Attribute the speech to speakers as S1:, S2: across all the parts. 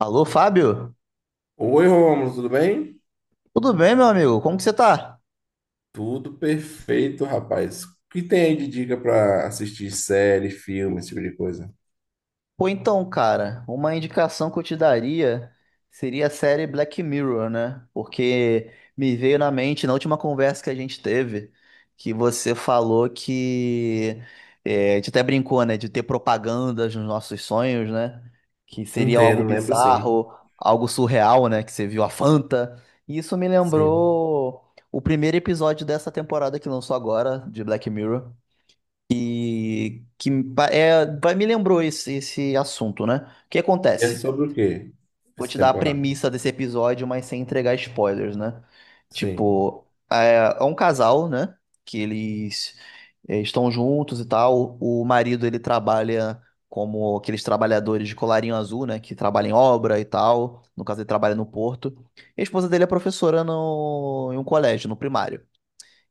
S1: Alô, Fábio?
S2: Oi, Rômulo, tudo bem?
S1: Tudo bem, meu amigo? Como que você tá?
S2: Tudo perfeito, rapaz. O que tem aí de dica pra assistir série, filme, esse tipo de coisa?
S1: Pô, então, cara, uma indicação que eu te daria seria a série Black Mirror, né? Porque me veio na mente, na última conversa que a gente teve, que você falou que... a gente até brincou, né? De ter propagandas nos nossos sonhos, né? Que seria algo
S2: Entendo, lembro sim.
S1: bizarro, algo surreal, né? Que você viu a Fanta. E isso me
S2: Sim.
S1: lembrou o primeiro episódio dessa temporada que lançou agora, de Black Mirror. E que me pa- é, vai- Me lembrou esse assunto, né? O que
S2: E é
S1: acontece?
S2: sobre o quê?
S1: Vou
S2: Essa
S1: te dar a
S2: temporada?
S1: premissa desse episódio, mas sem entregar spoilers, né?
S2: Sim.
S1: Tipo, é um casal, né? Que eles estão juntos e tal. O marido, ele trabalha como aqueles trabalhadores de colarinho azul, né? Que trabalham em obra e tal. No caso, ele trabalha no porto. E a esposa dele é professora em um colégio, no primário.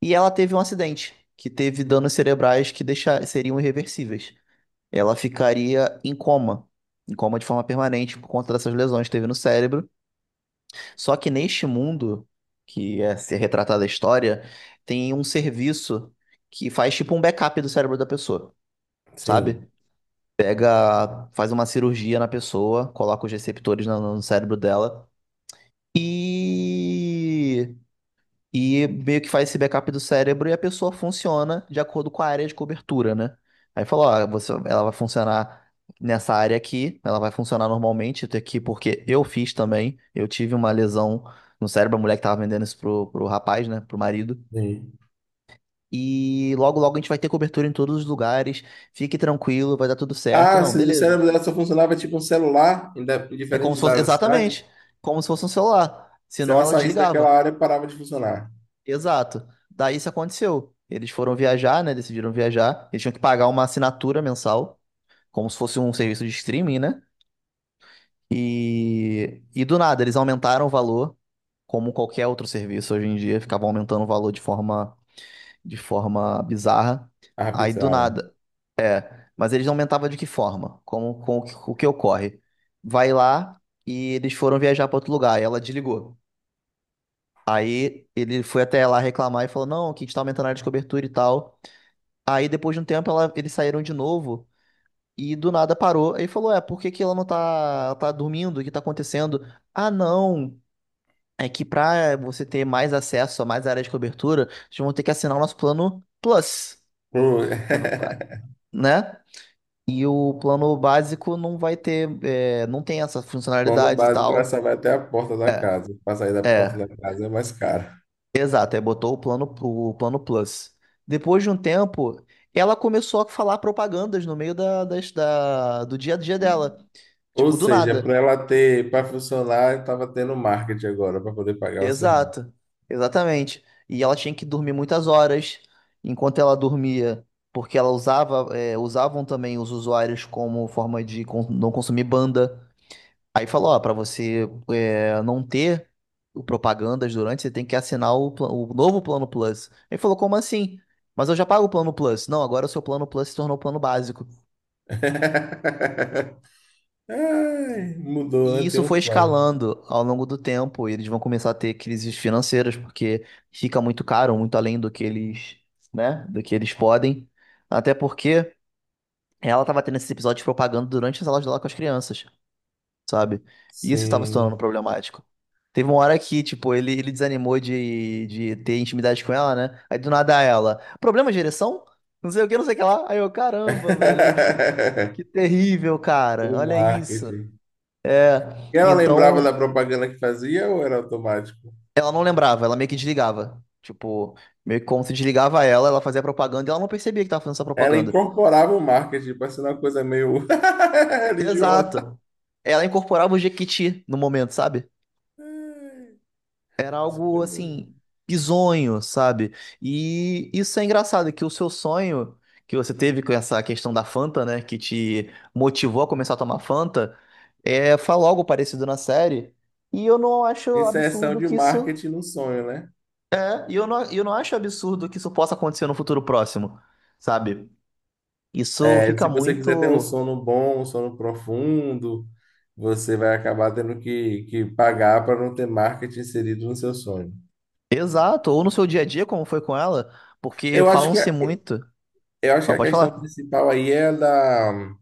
S1: E ela teve um acidente, que teve danos cerebrais que deixa, seriam irreversíveis. Ela ficaria em coma de forma permanente por conta dessas lesões que teve no cérebro. Só que neste mundo, que é ser retratada a história, tem um serviço que faz tipo um backup do cérebro da pessoa,
S2: Sim.
S1: sabe? Pega, faz uma cirurgia na pessoa, coloca os receptores no cérebro dela e meio que faz esse backup do cérebro e a pessoa funciona de acordo com a área de cobertura, né? Aí falou, ó, você, ela vai funcionar nessa área aqui, ela vai funcionar normalmente até aqui, porque eu fiz também, eu tive uma lesão no cérebro, a mulher que tava vendendo isso pro rapaz, né, pro marido.
S2: Sim.
S1: E logo, logo a gente vai ter cobertura em todos os lugares, fique tranquilo, vai dar tudo certo.
S2: Ah,
S1: Não,
S2: se o
S1: beleza.
S2: cérebro dela só funcionava tipo um celular em
S1: É como se
S2: diferentes
S1: fosse,
S2: áreas da cidade,
S1: exatamente, como se fosse um celular.
S2: se
S1: Senão
S2: ela
S1: ela
S2: saísse daquela
S1: desligava.
S2: área, parava de funcionar.
S1: Exato. Daí isso aconteceu. Eles foram viajar, né? Decidiram viajar. Eles tinham que pagar uma assinatura mensal, como se fosse um serviço de streaming, né? E do nada, eles aumentaram o valor, como qualquer outro serviço hoje em dia, ficavam aumentando o valor de forma bizarra.
S2: A
S1: Aí do
S2: rapidinha.
S1: nada. Mas eles aumentavam de que forma? Como, com o que ocorre? Vai lá e eles foram viajar para outro lugar. E ela desligou. Aí ele foi até lá reclamar e falou: Não, que a gente tá aumentando a área de cobertura e tal. Aí depois de um tempo eles saíram de novo e do nada parou. Aí falou: É, por que que ela não tá, ela tá dormindo? O que tá acontecendo? Ah, não. É que pra você ter mais acesso a mais áreas de cobertura, vocês vão ter que assinar o nosso plano Plus.
S2: Pô,
S1: É, pa- né? E o plano básico não vai ter, não tem essa
S2: Bom, no
S1: funcionalidade e
S2: básico, ela
S1: tal.
S2: só vai até a porta da casa. Para sair da porta
S1: É.
S2: da casa é mais caro.
S1: Exato, aí botou o plano Plus. Depois de um tempo, ela começou a falar propagandas no meio do dia a dia dela.
S2: Ou
S1: Tipo, do
S2: seja, para
S1: nada.
S2: ela ter, para funcionar, estava tendo marketing agora para poder pagar o serviço.
S1: Exato, exatamente. E ela tinha que dormir muitas horas. Enquanto ela dormia, porque ela usava, usavam também os usuários como forma de não consumir banda. Aí falou, ó, para você não ter o propagandas durante, você tem que assinar o novo plano Plus. Ele falou, como assim? Mas eu já pago o plano Plus. Não, agora o seu plano Plus se tornou o plano básico.
S2: Ai, mudou,
S1: E
S2: né? Tem
S1: isso foi
S2: um plano.
S1: escalando ao longo do tempo. E eles vão começar a ter crises financeiras, porque fica muito caro, muito além do que eles, né, do que eles podem. Até porque ela estava tendo esse episódio de propaganda durante as aulas dela com as crianças. Sabe? E isso estava se tornando
S2: Sim.
S1: problemático. Teve uma hora que, tipo, ele desanimou de ter intimidade com ela, né? Aí do nada ela, problema de ereção? Não sei o que, não sei o que lá. Aí eu, caramba, velho, olha que terrível, cara.
S2: O
S1: Olha isso.
S2: marketing.
S1: É,
S2: E ela lembrava da
S1: então
S2: propaganda que fazia ou era automático?
S1: ela não lembrava, ela meio que desligava. Tipo, meio que como se desligava ela, ela fazia propaganda e ela não percebia que tava fazendo essa
S2: Ela
S1: propaganda.
S2: incorporava o marketing, parecendo uma coisa meio religiosa.
S1: Exato. Ela incorporava o Jequiti no momento, sabe?
S2: Ai,
S1: Era algo
S2: super-
S1: assim, bizonho, sabe? E isso é engraçado, que o seu sonho que você teve com essa questão da Fanta, né, que te motivou a começar a tomar Fanta, fala algo parecido na série. E eu não acho
S2: Inserção
S1: absurdo
S2: de
S1: que isso.
S2: marketing no sonho, né?
S1: E eu não acho absurdo que isso possa acontecer no futuro próximo, sabe? Isso
S2: É, se
S1: fica
S2: você quiser ter um
S1: muito.
S2: sono bom, um sono profundo, você vai acabar tendo que pagar para não ter marketing inserido no seu sonho.
S1: Exato, ou no seu dia a dia, como foi com ela, porque
S2: Eu acho que
S1: falam-se
S2: a,
S1: muito.
S2: eu acho que
S1: Não,
S2: a
S1: pode
S2: questão
S1: falar.
S2: principal aí é da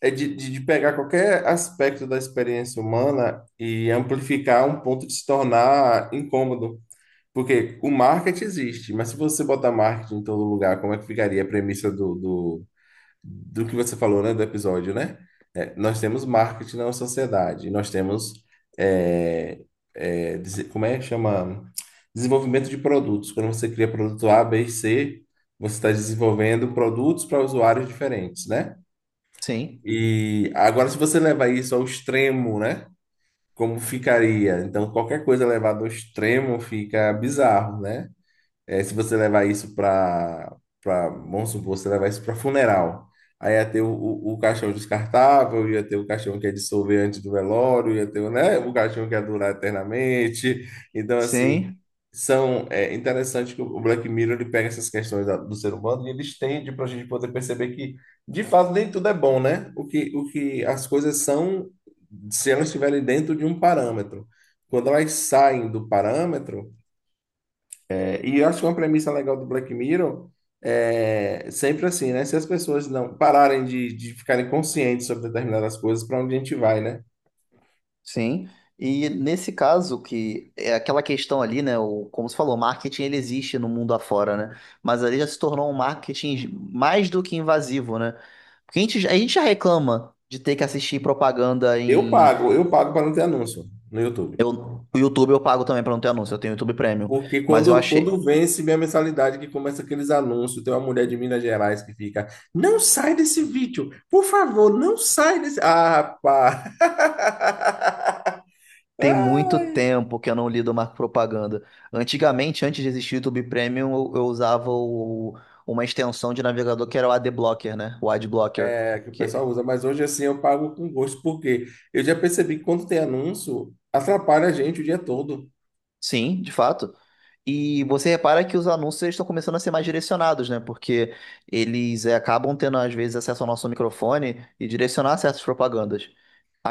S2: é de, de pegar qualquer aspecto da experiência humana e amplificar um ponto de se tornar incômodo. Porque o marketing existe, mas se você botar marketing em todo lugar, como é que ficaria a premissa do que você falou, né, do episódio, né? É, nós temos marketing na sociedade, nós temos é, é, dese- como é que chama? Desenvolvimento de produtos. Quando você cria produto A, B e C, você está desenvolvendo produtos para usuários diferentes, né?
S1: Sim,
S2: E agora, se você levar isso ao extremo, né? Como ficaria? Então, qualquer coisa levada ao extremo fica bizarro, né? É, se você levar isso para vamos supor, você levar isso para funeral, aí ia ter o caixão descartável, ia ter o caixão que é dissolver antes do velório, ia ter, o, né, o caixão que ia durar eternamente. Então, assim,
S1: sim.
S2: são, é interessante que o Black Mirror ele pega essas questões da- do ser humano e ele estende para a gente poder perceber que, de fato, nem tudo é bom, né? O que as coisas são, se elas estiverem dentro de um parâmetro. Quando elas saem do parâmetro, e eu acho que uma premissa legal do Black Mirror é sempre assim, né? Se as pessoas não pararem de ficarem conscientes sobre determinadas coisas, para onde a gente vai, né?
S1: Sim, e nesse caso que é aquela questão ali, né, o, como você falou, o marketing ele existe no mundo afora, né? Mas ali já se tornou um marketing mais do que invasivo, né? Porque a gente já reclama de ter que assistir propaganda
S2: Eu
S1: em,
S2: pago, eu pago para não ter anúncio no YouTube.
S1: eu, o YouTube eu pago também pra não ter anúncio, eu tenho YouTube Premium,
S2: Porque
S1: mas eu
S2: quando,
S1: achei
S2: quando vence minha mensalidade, que começa aqueles anúncios, tem uma mulher de Minas Gerais que fica, não sai desse vídeo, por favor, não sai desse. Ah, pá!
S1: tem muito tempo que eu não lido mais com propaganda. Antigamente, antes de existir o YouTube Premium, eu usava uma extensão de navegador que era o ad blocker, né? O ad blocker.
S2: É, que o pessoal usa, mas hoje assim eu pago com gosto, porque eu já percebi que quando tem anúncio, atrapalha a gente o dia todo,
S1: Sim, de fato. E você repara que os anúncios eles estão começando a ser mais direcionados, né? Porque eles acabam tendo, às vezes, acesso ao nosso microfone e direcionar certas propagandas.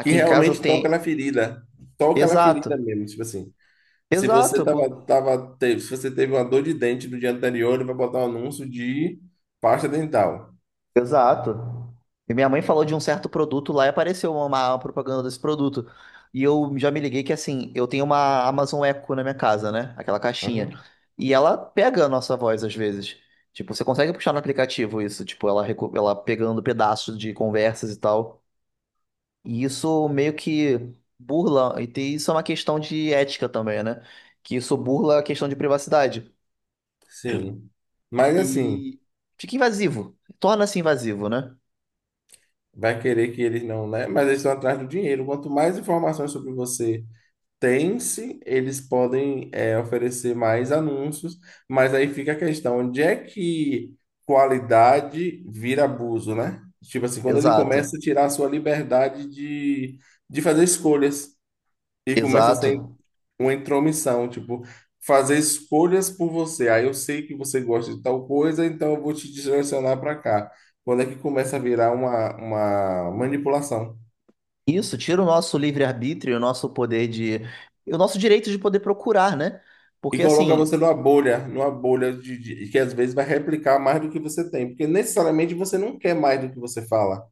S2: que
S1: em casa
S2: realmente
S1: tem.
S2: toca na ferida
S1: Exato,
S2: mesmo, tipo assim. Se você
S1: exato.
S2: se você teve uma dor de dente no dia anterior, ele vai botar um anúncio de pasta dental.
S1: Exato. E minha mãe falou de um certo produto lá e apareceu uma propaganda desse produto. E eu já me liguei que assim, eu tenho uma Amazon Echo na minha casa, né? Aquela caixinha.
S2: Uhum.
S1: E ela pega a nossa voz às vezes. Tipo, você consegue puxar no aplicativo isso, tipo, ela, ela pegando pedaços de conversas e tal. E isso meio que burla, isso é uma questão de ética também, né? Que isso burla a questão de privacidade.
S2: Sim. Mas assim,
S1: E fica invasivo. Torna-se invasivo, né?
S2: vai querer que eles não, né? Mas eles estão atrás do dinheiro. Quanto mais informações sobre você tem-se, eles podem é, oferecer mais anúncios, mas aí fica a questão, onde é que qualidade vira abuso, né? Tipo assim, quando ele começa a
S1: Exato.
S2: tirar a sua liberdade de fazer escolhas e começa a ser
S1: Exato.
S2: uma intromissão, tipo, fazer escolhas por você. Aí eu sei que você gosta de tal coisa, então eu vou te direcionar para cá. Quando é que começa a virar uma manipulação?
S1: Isso tira o nosso livre-arbítrio, o nosso poder de. O nosso direito de poder procurar, né?
S2: E
S1: Porque
S2: coloca
S1: assim,
S2: você numa bolha de- que às vezes vai replicar mais do que você tem, porque necessariamente você não quer mais do que você fala.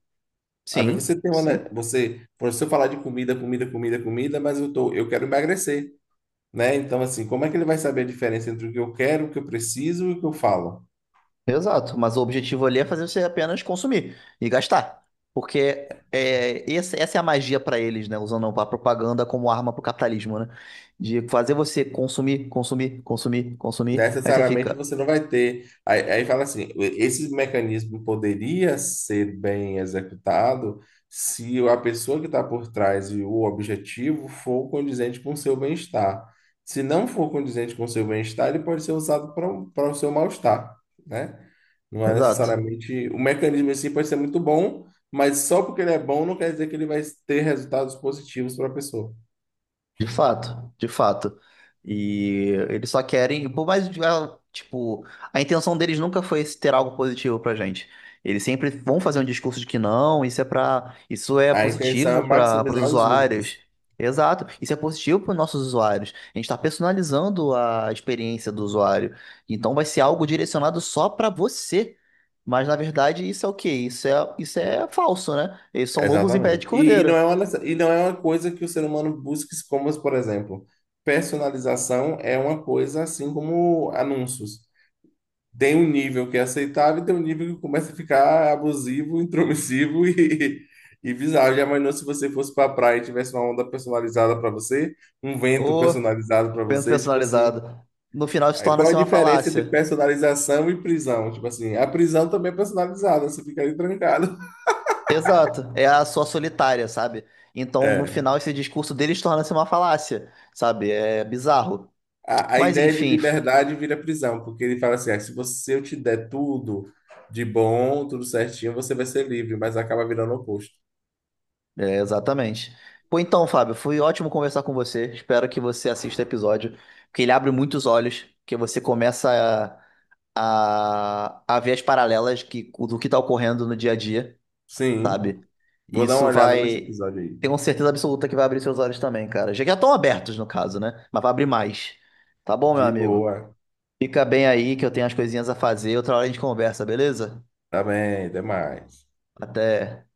S2: Às vezes
S1: sim,
S2: você tem uma,
S1: sim,
S2: né, você, por se eu falar de comida, comida, comida, comida, mas eu tô, eu quero emagrecer, né? Então assim, como é que ele vai saber a diferença entre o que eu quero, o que eu preciso e o que eu falo?
S1: exato. Mas o objetivo ali é fazer você apenas consumir e gastar. Porque essa é a magia para eles, né? Usando a propaganda como arma pro capitalismo, né? De fazer você consumir, consumir, consumir, consumir. Aí você
S2: Necessariamente
S1: fica.
S2: você não vai ter. Aí fala assim: esse mecanismo poderia ser bem executado se a pessoa que está por trás e o objetivo for condizente com o seu bem-estar. Se não for condizente com o seu bem-estar, ele pode ser usado para o seu mal-estar, né? Não é
S1: Exato.
S2: necessariamente. O mecanismo em si pode ser muito bom, mas só porque ele é bom não quer dizer que ele vai ter resultados positivos para a pessoa.
S1: De fato, de fato. E eles só querem, por mais, que, ah, tipo, a intenção deles nunca foi esse ter algo positivo pra gente. Eles sempre vão fazer um discurso de que não, isso é para, isso é
S2: A intenção é
S1: positivo para os
S2: maximizar os
S1: usuários.
S2: lucros.
S1: Exato, isso é positivo para os nossos usuários. A gente está personalizando a experiência do usuário. Então vai ser algo direcionado só para você. Mas na verdade isso é o quê? Isso é falso, né? Eles são lobos em pé de
S2: Exatamente. E não
S1: cordeiro.
S2: é uma, nece- e não é uma coisa que o ser humano busque, como, por exemplo, personalização é uma coisa assim como anúncios. Tem um nível que é aceitável e tem um nível que começa a ficar abusivo, intromissivo e bizarro. Já imaginou se você fosse para a praia e tivesse uma onda personalizada para você, um vento
S1: O
S2: personalizado para
S1: vento
S2: você, tipo assim.
S1: personalizado. No final isso
S2: Aí qual a
S1: torna-se uma
S2: diferença entre
S1: falácia.
S2: personalização e prisão? Tipo assim, a prisão também é personalizada, você fica ali trancado.
S1: Exato. É a sua solitária, sabe? Então, no
S2: É.
S1: final, esse discurso deles torna-se uma falácia, sabe? É bizarro.
S2: A, a
S1: Mas,
S2: ideia de
S1: enfim,
S2: liberdade vira prisão, porque ele fala assim: ah, se você, se eu te der tudo de bom, tudo certinho, você vai ser livre, mas acaba virando o oposto.
S1: é, exatamente. Pô, então, Fábio, foi ótimo conversar com você. Espero que você assista o episódio, porque ele abre muitos olhos, que você começa a ver as paralelas que, do que está ocorrendo no dia a dia.
S2: Sim,
S1: Sabe? E
S2: vou dar
S1: isso
S2: uma olhada nesse
S1: vai.
S2: episódio aí.
S1: Tenho certeza absoluta que vai abrir seus olhos também, cara. Já que já estão abertos, no caso, né? Mas vai abrir mais. Tá bom, meu
S2: De
S1: amigo?
S2: boa.
S1: Fica bem aí que eu tenho as coisinhas a fazer. Outra hora a gente conversa, beleza?
S2: Tá bem, demais.
S1: Até.